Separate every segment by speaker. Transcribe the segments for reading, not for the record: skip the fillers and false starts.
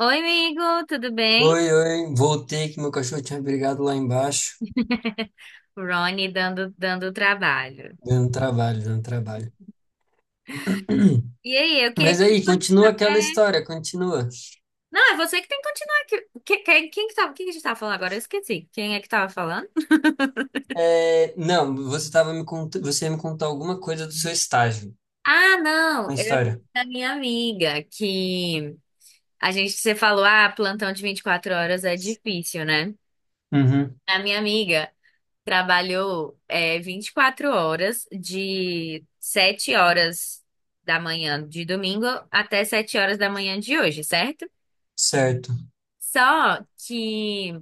Speaker 1: Oi, amigo, tudo bem?
Speaker 2: Oi, oi, voltei que meu cachorro tinha brigado lá embaixo,
Speaker 1: Rony dando trabalho.
Speaker 2: dando trabalho, dando trabalho.
Speaker 1: E aí, eu queria
Speaker 2: Mas
Speaker 1: que você
Speaker 2: aí, continua
Speaker 1: continuasse.
Speaker 2: aquela
Speaker 1: É.
Speaker 2: história, continua.
Speaker 1: Não, é você que tem que continuar aqui. Quem que tava, quem que a gente tava falando agora? Eu esqueci. Quem é que tava falando?
Speaker 2: É, não, você ia me contar alguma coisa do seu estágio,
Speaker 1: Ah, não,
Speaker 2: na
Speaker 1: era
Speaker 2: história.
Speaker 1: da minha amiga, que a gente, você falou, ah, plantão de 24 horas é difícil, né?
Speaker 2: Uhum,
Speaker 1: A minha amiga trabalhou 24 horas, de 7 horas da manhã de domingo até 7 horas da manhã de hoje, certo?
Speaker 2: certo.
Speaker 1: Só que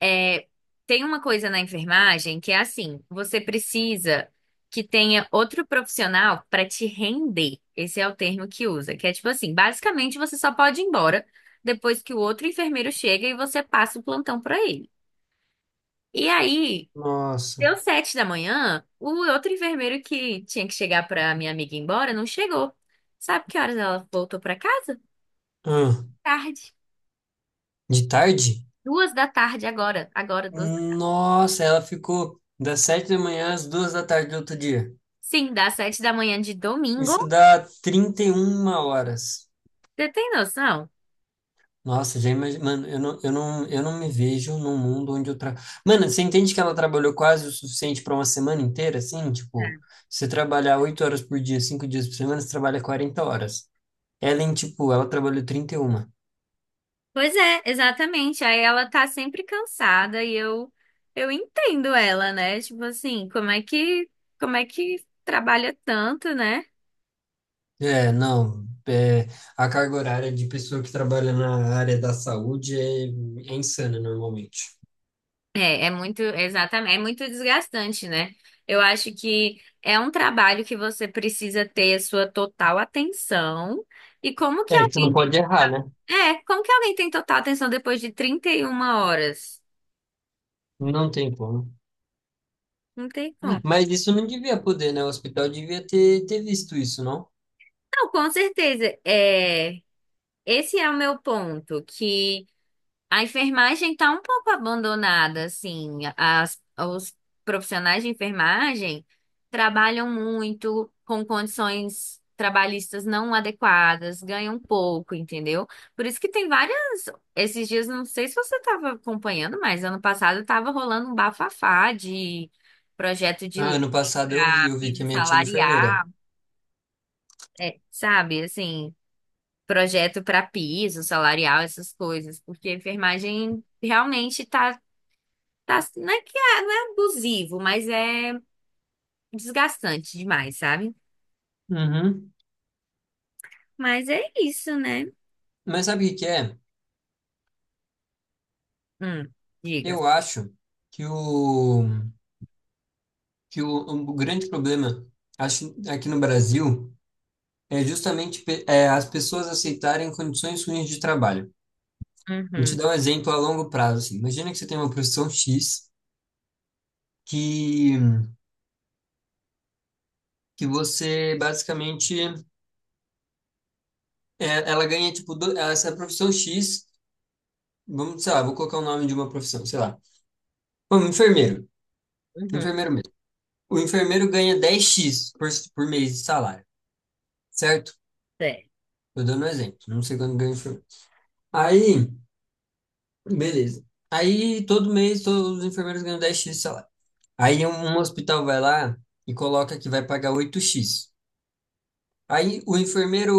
Speaker 1: é, tem uma coisa na enfermagem que é assim, você precisa que tenha outro profissional para te render. Esse é o termo que usa, que é tipo assim, basicamente você só pode ir embora depois que o outro enfermeiro chega e você passa o plantão para ele. E aí,
Speaker 2: Nossa.
Speaker 1: deu 7 da manhã, o outro enfermeiro que tinha que chegar para minha amiga ir embora não chegou. Sabe que horas ela voltou para casa?
Speaker 2: Ah,
Speaker 1: Tarde.
Speaker 2: de tarde?
Speaker 1: Duas da tarde agora, agora duas.
Speaker 2: Nossa, ela ficou das 7 da manhã às 2 da tarde do outro dia.
Speaker 1: Sim, das 7 da manhã de domingo.
Speaker 2: Isso dá 31 horas.
Speaker 1: Você tem noção?
Speaker 2: Nossa, já imagino. Mano, eu não, me vejo num mundo onde eu tra... Mano, você entende que ela trabalhou quase o suficiente para uma semana inteira, assim? Tipo,
Speaker 1: É.
Speaker 2: você trabalhar 8 horas por dia, 5 dias por semana, você trabalha 40 horas. Ela, em, tipo, ela trabalhou 31.
Speaker 1: Pois é, exatamente. Aí ela tá sempre cansada e eu entendo ela, né? Tipo assim, como é que trabalha tanto, né?
Speaker 2: É, não. É, a carga horária de pessoa que trabalha na área da saúde é insana, normalmente.
Speaker 1: É, é muito, exatamente, é muito desgastante, né? Eu acho que é um trabalho que você precisa ter a sua total atenção. E como que
Speaker 2: É, que você
Speaker 1: alguém
Speaker 2: não
Speaker 1: tem,
Speaker 2: pode errar, né?
Speaker 1: é, como que alguém tem total atenção depois de 31 horas?
Speaker 2: Não tem como.
Speaker 1: Não tem como.
Speaker 2: Mas isso não devia poder, né? O hospital devia ter visto isso, não?
Speaker 1: Não, com certeza. É, esse é o meu ponto, que a enfermagem está um pouco abandonada, assim. Os profissionais de enfermagem trabalham muito com condições trabalhistas não adequadas, ganham pouco, entendeu? Por isso que tem várias. Esses dias, não sei se você estava acompanhando, mas ano passado estava rolando um bafafá de projeto de
Speaker 2: Ah,
Speaker 1: lei
Speaker 2: ano passado eu vi,
Speaker 1: para
Speaker 2: eu vi que
Speaker 1: piso
Speaker 2: a minha tia é enfermeira.
Speaker 1: salarial, é, sabe, assim projeto para piso, salarial, essas coisas, porque a enfermagem realmente tá, não é que é, não é abusivo, mas é desgastante demais, sabe?
Speaker 2: Uhum.
Speaker 1: Mas é isso, né?
Speaker 2: Mas sabe o que que é?
Speaker 1: Hum, diga.
Speaker 2: Eu acho que o, que o grande problema, acho, aqui no Brasil é justamente as pessoas aceitarem condições ruins de trabalho. Vou te
Speaker 1: Uhum,
Speaker 2: dar um exemplo a longo prazo, assim. Imagina que você tem uma profissão X que, que você basicamente é, ela ganha tipo do, essa profissão X, vamos, sei lá, vou colocar o nome de uma profissão, sei lá. Um enfermeiro, um
Speaker 1: uhum,
Speaker 2: enfermeiro mesmo. O enfermeiro ganha 10 x por mês de salário, certo?
Speaker 1: é,
Speaker 2: Tô dando um exemplo, não sei quando ganha o enfermeiro. Aí, beleza. Aí, todo mês, todos os enfermeiros ganham 10 x de salário. Aí, um hospital vai lá e coloca que vai pagar 8 x. Aí,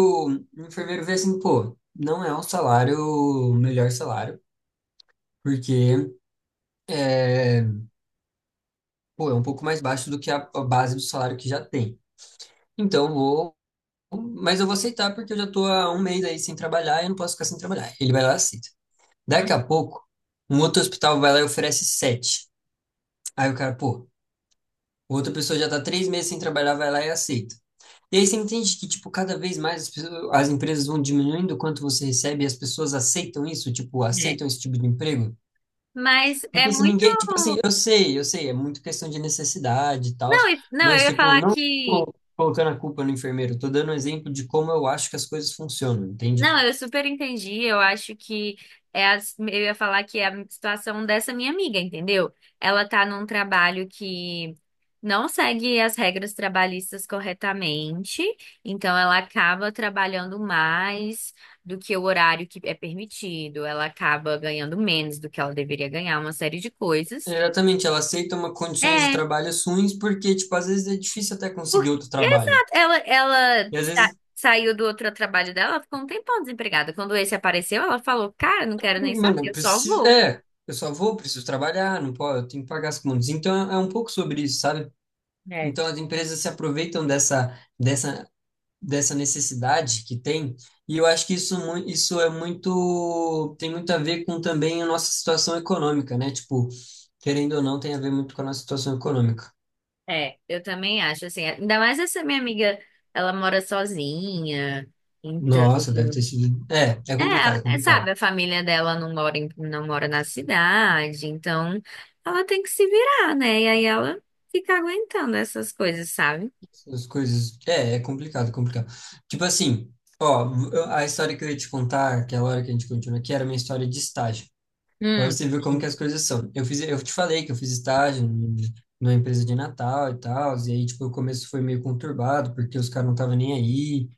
Speaker 2: o enfermeiro vê assim, pô, não é um salário, o melhor salário, porque, é, pô, é um pouco mais baixo do que a base do salário que já tem. Então, vou, mas eu vou aceitar porque eu já tô há um mês aí sem trabalhar e eu não posso ficar sem trabalhar. Ele vai lá e aceita.
Speaker 1: hum,
Speaker 2: Daqui a pouco, um outro hospital vai lá e oferece sete. Aí o cara, pô, outra pessoa já tá 3 meses sem trabalhar, vai lá e aceita. E aí você entende que, tipo, cada vez mais as empresas vão diminuindo o quanto você recebe e as pessoas aceitam isso, tipo,
Speaker 1: é.
Speaker 2: aceitam esse tipo de emprego?
Speaker 1: Mas é
Speaker 2: Porque se
Speaker 1: muito.
Speaker 2: ninguém, tipo assim, eu sei, é muito questão de necessidade e tal,
Speaker 1: Não, eu
Speaker 2: mas,
Speaker 1: ia
Speaker 2: tipo,
Speaker 1: falar
Speaker 2: não
Speaker 1: que.
Speaker 2: colocando a culpa no enfermeiro, eu tô dando um exemplo de como eu acho que as coisas funcionam, entende?
Speaker 1: Não, eu super entendi. Eu acho que eu ia falar que é a situação dessa minha amiga, entendeu? Ela tá num trabalho que não segue as regras trabalhistas corretamente, então ela acaba trabalhando mais do que o horário que é permitido, ela acaba ganhando menos do que ela deveria ganhar, uma série de coisas.
Speaker 2: Exatamente, ela aceita uma condições de
Speaker 1: É.
Speaker 2: trabalho ruins porque, tipo, às vezes é difícil até conseguir
Speaker 1: Porque,
Speaker 2: outro trabalho.
Speaker 1: exato, ela, ela
Speaker 2: E às
Speaker 1: sa-
Speaker 2: vezes,
Speaker 1: saiu do outro trabalho dela, ela ficou um tempão desempregada. Quando esse apareceu, ela falou, cara, não quero nem
Speaker 2: mano,
Speaker 1: saber,
Speaker 2: eu
Speaker 1: eu só
Speaker 2: preciso.
Speaker 1: vou.
Speaker 2: É, eu só vou, preciso trabalhar, não posso, eu tenho que pagar as contas. Então é um pouco sobre isso, sabe?
Speaker 1: É.
Speaker 2: Então as empresas se aproveitam dessa, dessa necessidade que tem. E eu acho que isso, isso é muito. Tem muito a ver com também a nossa situação econômica, né? Tipo, querendo ou não, tem a ver muito com a nossa situação econômica.
Speaker 1: É, eu também acho, assim, ainda mais essa minha amiga, ela mora sozinha, então,
Speaker 2: Nossa, deve ter sido. É, é complicado, é
Speaker 1: sabe,
Speaker 2: complicado.
Speaker 1: a família dela não mora na cidade, então ela tem que se virar, né? E aí ela fica aguentando essas coisas, sabe?
Speaker 2: As coisas. É, é complicado, é complicado. Tipo assim, ó, a história que eu ia te contar, que é a hora que a gente continua aqui, era minha história de estágio. Pra
Speaker 1: Hum,
Speaker 2: você ver como
Speaker 1: sim.
Speaker 2: que as coisas são. Eu fiz, eu te falei que eu fiz estágio numa empresa de Natal e tal, e aí, tipo, o começo foi meio conturbado, porque os caras não estavam nem aí,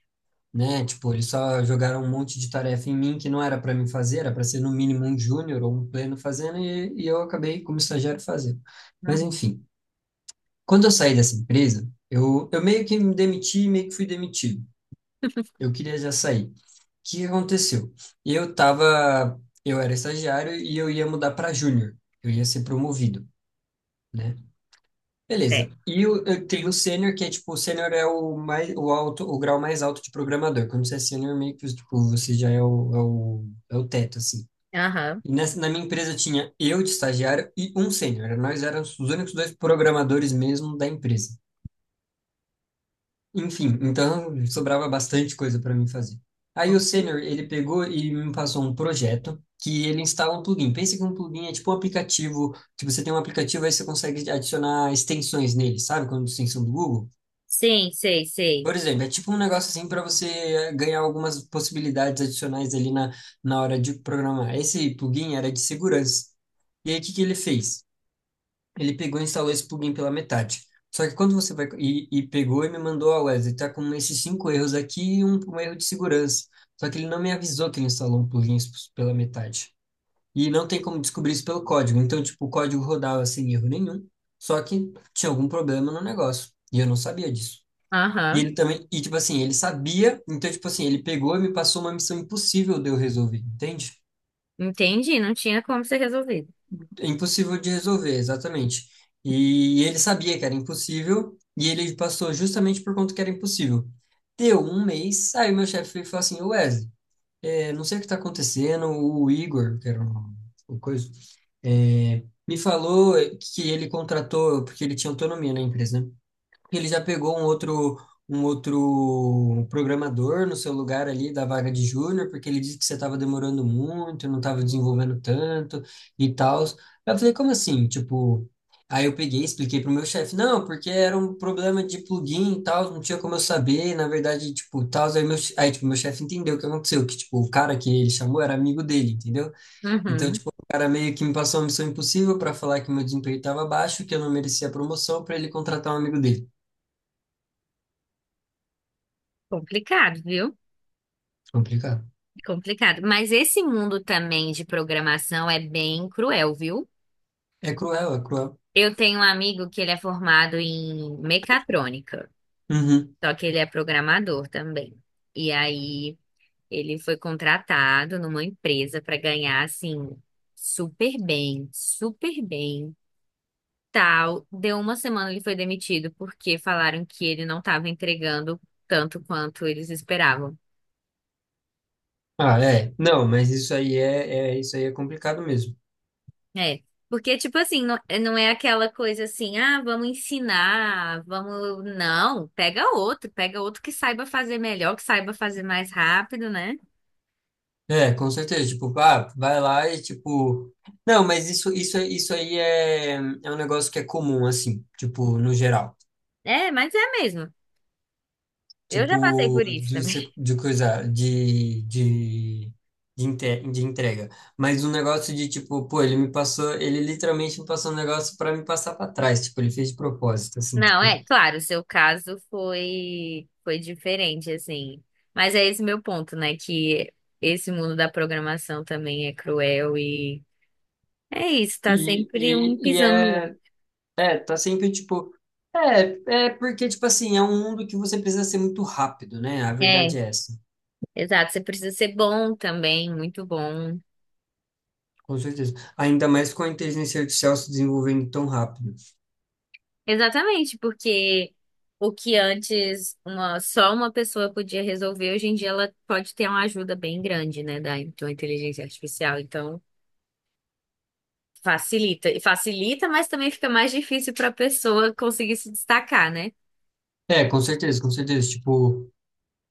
Speaker 2: né? Tipo, eles só jogaram um monte de tarefa em mim que não era pra mim fazer, era pra ser no mínimo um júnior ou um pleno fazendo, e eu acabei como estagiário fazendo. Mas
Speaker 1: Uhum.
Speaker 2: enfim. Quando eu saí dessa empresa, eu meio que me demiti, meio que fui demitido. Eu queria já sair. O que que aconteceu? Eu tava, eu era estagiário e eu ia mudar para júnior. Eu ia ser promovido, né?
Speaker 1: É.
Speaker 2: Beleza. E eu tenho o sênior, que é tipo, o sênior é o mais, o alto, o grau mais alto de programador. Quando você é sênior, meio que tipo, você já é o teto, assim.
Speaker 1: Aham.
Speaker 2: E nessa, na minha empresa tinha eu de estagiário e um sênior. Nós éramos os únicos dois programadores mesmo da empresa. Enfim, então sobrava bastante coisa para mim fazer. Aí o senior ele pegou e me passou um projeto que ele instala um plugin. Pensa que um plugin é tipo um aplicativo, que você tem um aplicativo aí você consegue adicionar extensões nele, sabe? Como a extensão do Google.
Speaker 1: Sim, sei, sei.
Speaker 2: Por exemplo, é tipo um negócio assim para você eh, ganhar algumas possibilidades adicionais ali na hora de programar. Esse plugin era de segurança. E aí, o que que ele fez? Ele pegou e instalou esse plugin pela metade. Só que quando você vai e pegou e me mandou, ó, Wesley, tá com esses cinco erros aqui e um erro de segurança. Só que ele não me avisou que ele instalou um plugin pela metade. E não tem como descobrir isso pelo código. Então, tipo, o código rodava sem erro nenhum, só que tinha algum problema no negócio. E eu não sabia disso. E
Speaker 1: Aham,
Speaker 2: ele também, e tipo assim, ele sabia, então, tipo assim, ele pegou e me passou uma missão impossível de eu resolver, entende?
Speaker 1: entendi, não tinha como ser resolvido.
Speaker 2: É impossível de resolver, exatamente. E ele sabia que era impossível, e ele passou justamente por conta que era impossível. Deu um mês, aí meu chefe veio e falou assim, Wesley, é, não sei o que está acontecendo, o Igor, o coisa, é, me falou que ele contratou, porque ele tinha autonomia na empresa, né? Ele já pegou um outro programador no seu lugar ali da vaga de júnior, porque ele disse que você estava demorando muito, não estava desenvolvendo tanto e tal. Eu falei, como assim? Tipo, aí eu peguei, expliquei pro meu chefe, não, porque era um problema de plugin e tal, não tinha como eu saber, na verdade, tipo, tal, aí, tipo, meu chefe entendeu o que aconteceu, que, tipo, o cara que ele chamou era amigo dele, entendeu? Então,
Speaker 1: Uhum,
Speaker 2: tipo, o cara meio que me passou uma missão impossível para falar que meu desempenho estava baixo, que eu não merecia promoção, para ele contratar um amigo dele.
Speaker 1: complicado, viu?
Speaker 2: Complicado.
Speaker 1: Complicado. Mas esse mundo também de programação é bem cruel, viu?
Speaker 2: É cruel, é cruel.
Speaker 1: Eu tenho um amigo que ele é formado em mecatrônica,
Speaker 2: Uhum.
Speaker 1: só que ele é programador também. E aí ele foi contratado numa empresa para ganhar assim super bem, super bem. Tal, deu uma semana ele foi demitido porque falaram que ele não estava entregando tanto quanto eles esperavam.
Speaker 2: Ah, é. Não, mas isso aí é, é, isso aí é complicado mesmo.
Speaker 1: É, porque, tipo assim, não, não é aquela coisa assim, ah, vamos ensinar, vamos. Não, pega outro que saiba fazer melhor, que saiba fazer mais rápido, né?
Speaker 2: É, com certeza. Tipo, ah, vai lá e tipo. Não, mas isso aí é um negócio que é comum, assim, tipo, no geral.
Speaker 1: É, mas é mesmo. Eu já passei
Speaker 2: Tipo,
Speaker 1: por isso
Speaker 2: de,
Speaker 1: também.
Speaker 2: de coisa, de, de entrega. Mas um negócio de tipo, pô, ele me passou, ele literalmente me passou um negócio pra me passar pra trás. Tipo, ele fez de propósito, assim,
Speaker 1: Não,
Speaker 2: tipo.
Speaker 1: é, claro, o seu caso foi, foi diferente, assim. Mas é esse meu ponto, né? Que esse mundo da programação também é cruel e é isso, tá
Speaker 2: E,
Speaker 1: sempre um
Speaker 2: e, e
Speaker 1: pisando no outro.
Speaker 2: é. É, tá sempre tipo. É, é porque, tipo assim, é um mundo que você precisa ser muito rápido, né? A
Speaker 1: É,
Speaker 2: verdade é essa.
Speaker 1: exato. Você precisa ser bom também, muito bom.
Speaker 2: Com certeza. Ainda mais com a inteligência artificial se desenvolvendo tão rápido.
Speaker 1: Exatamente, porque o que antes só uma pessoa podia resolver, hoje em dia ela pode ter uma ajuda bem grande, né, da, de uma inteligência artificial. Então, facilita. E facilita, mas também fica mais difícil para a pessoa conseguir se destacar, né?
Speaker 2: É, com certeza, com certeza. Tipo,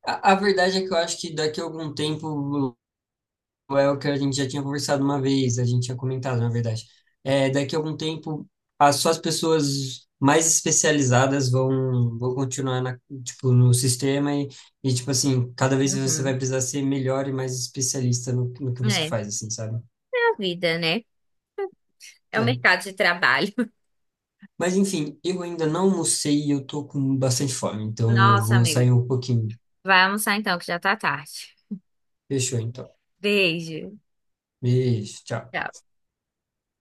Speaker 2: a verdade é que eu acho que daqui a algum tempo. É o que a gente já tinha conversado uma vez, a gente tinha comentado, na verdade. É, daqui a algum tempo, as, só as pessoas mais especializadas vão continuar na, tipo, no sistema e, tipo assim, cada vez você vai
Speaker 1: Uhum.
Speaker 2: precisar ser melhor e mais especialista no que você
Speaker 1: É, é
Speaker 2: faz, assim, sabe?
Speaker 1: a vida, né? É o
Speaker 2: É.
Speaker 1: mercado de trabalho.
Speaker 2: Mas, enfim, eu ainda não almocei e eu tô com bastante fome, então eu
Speaker 1: Nossa,
Speaker 2: vou
Speaker 1: amigo.
Speaker 2: sair um pouquinho.
Speaker 1: Vai almoçar então, que já tá tarde.
Speaker 2: Fechou, então.
Speaker 1: Beijo.
Speaker 2: Beijo, tchau.
Speaker 1: Tchau.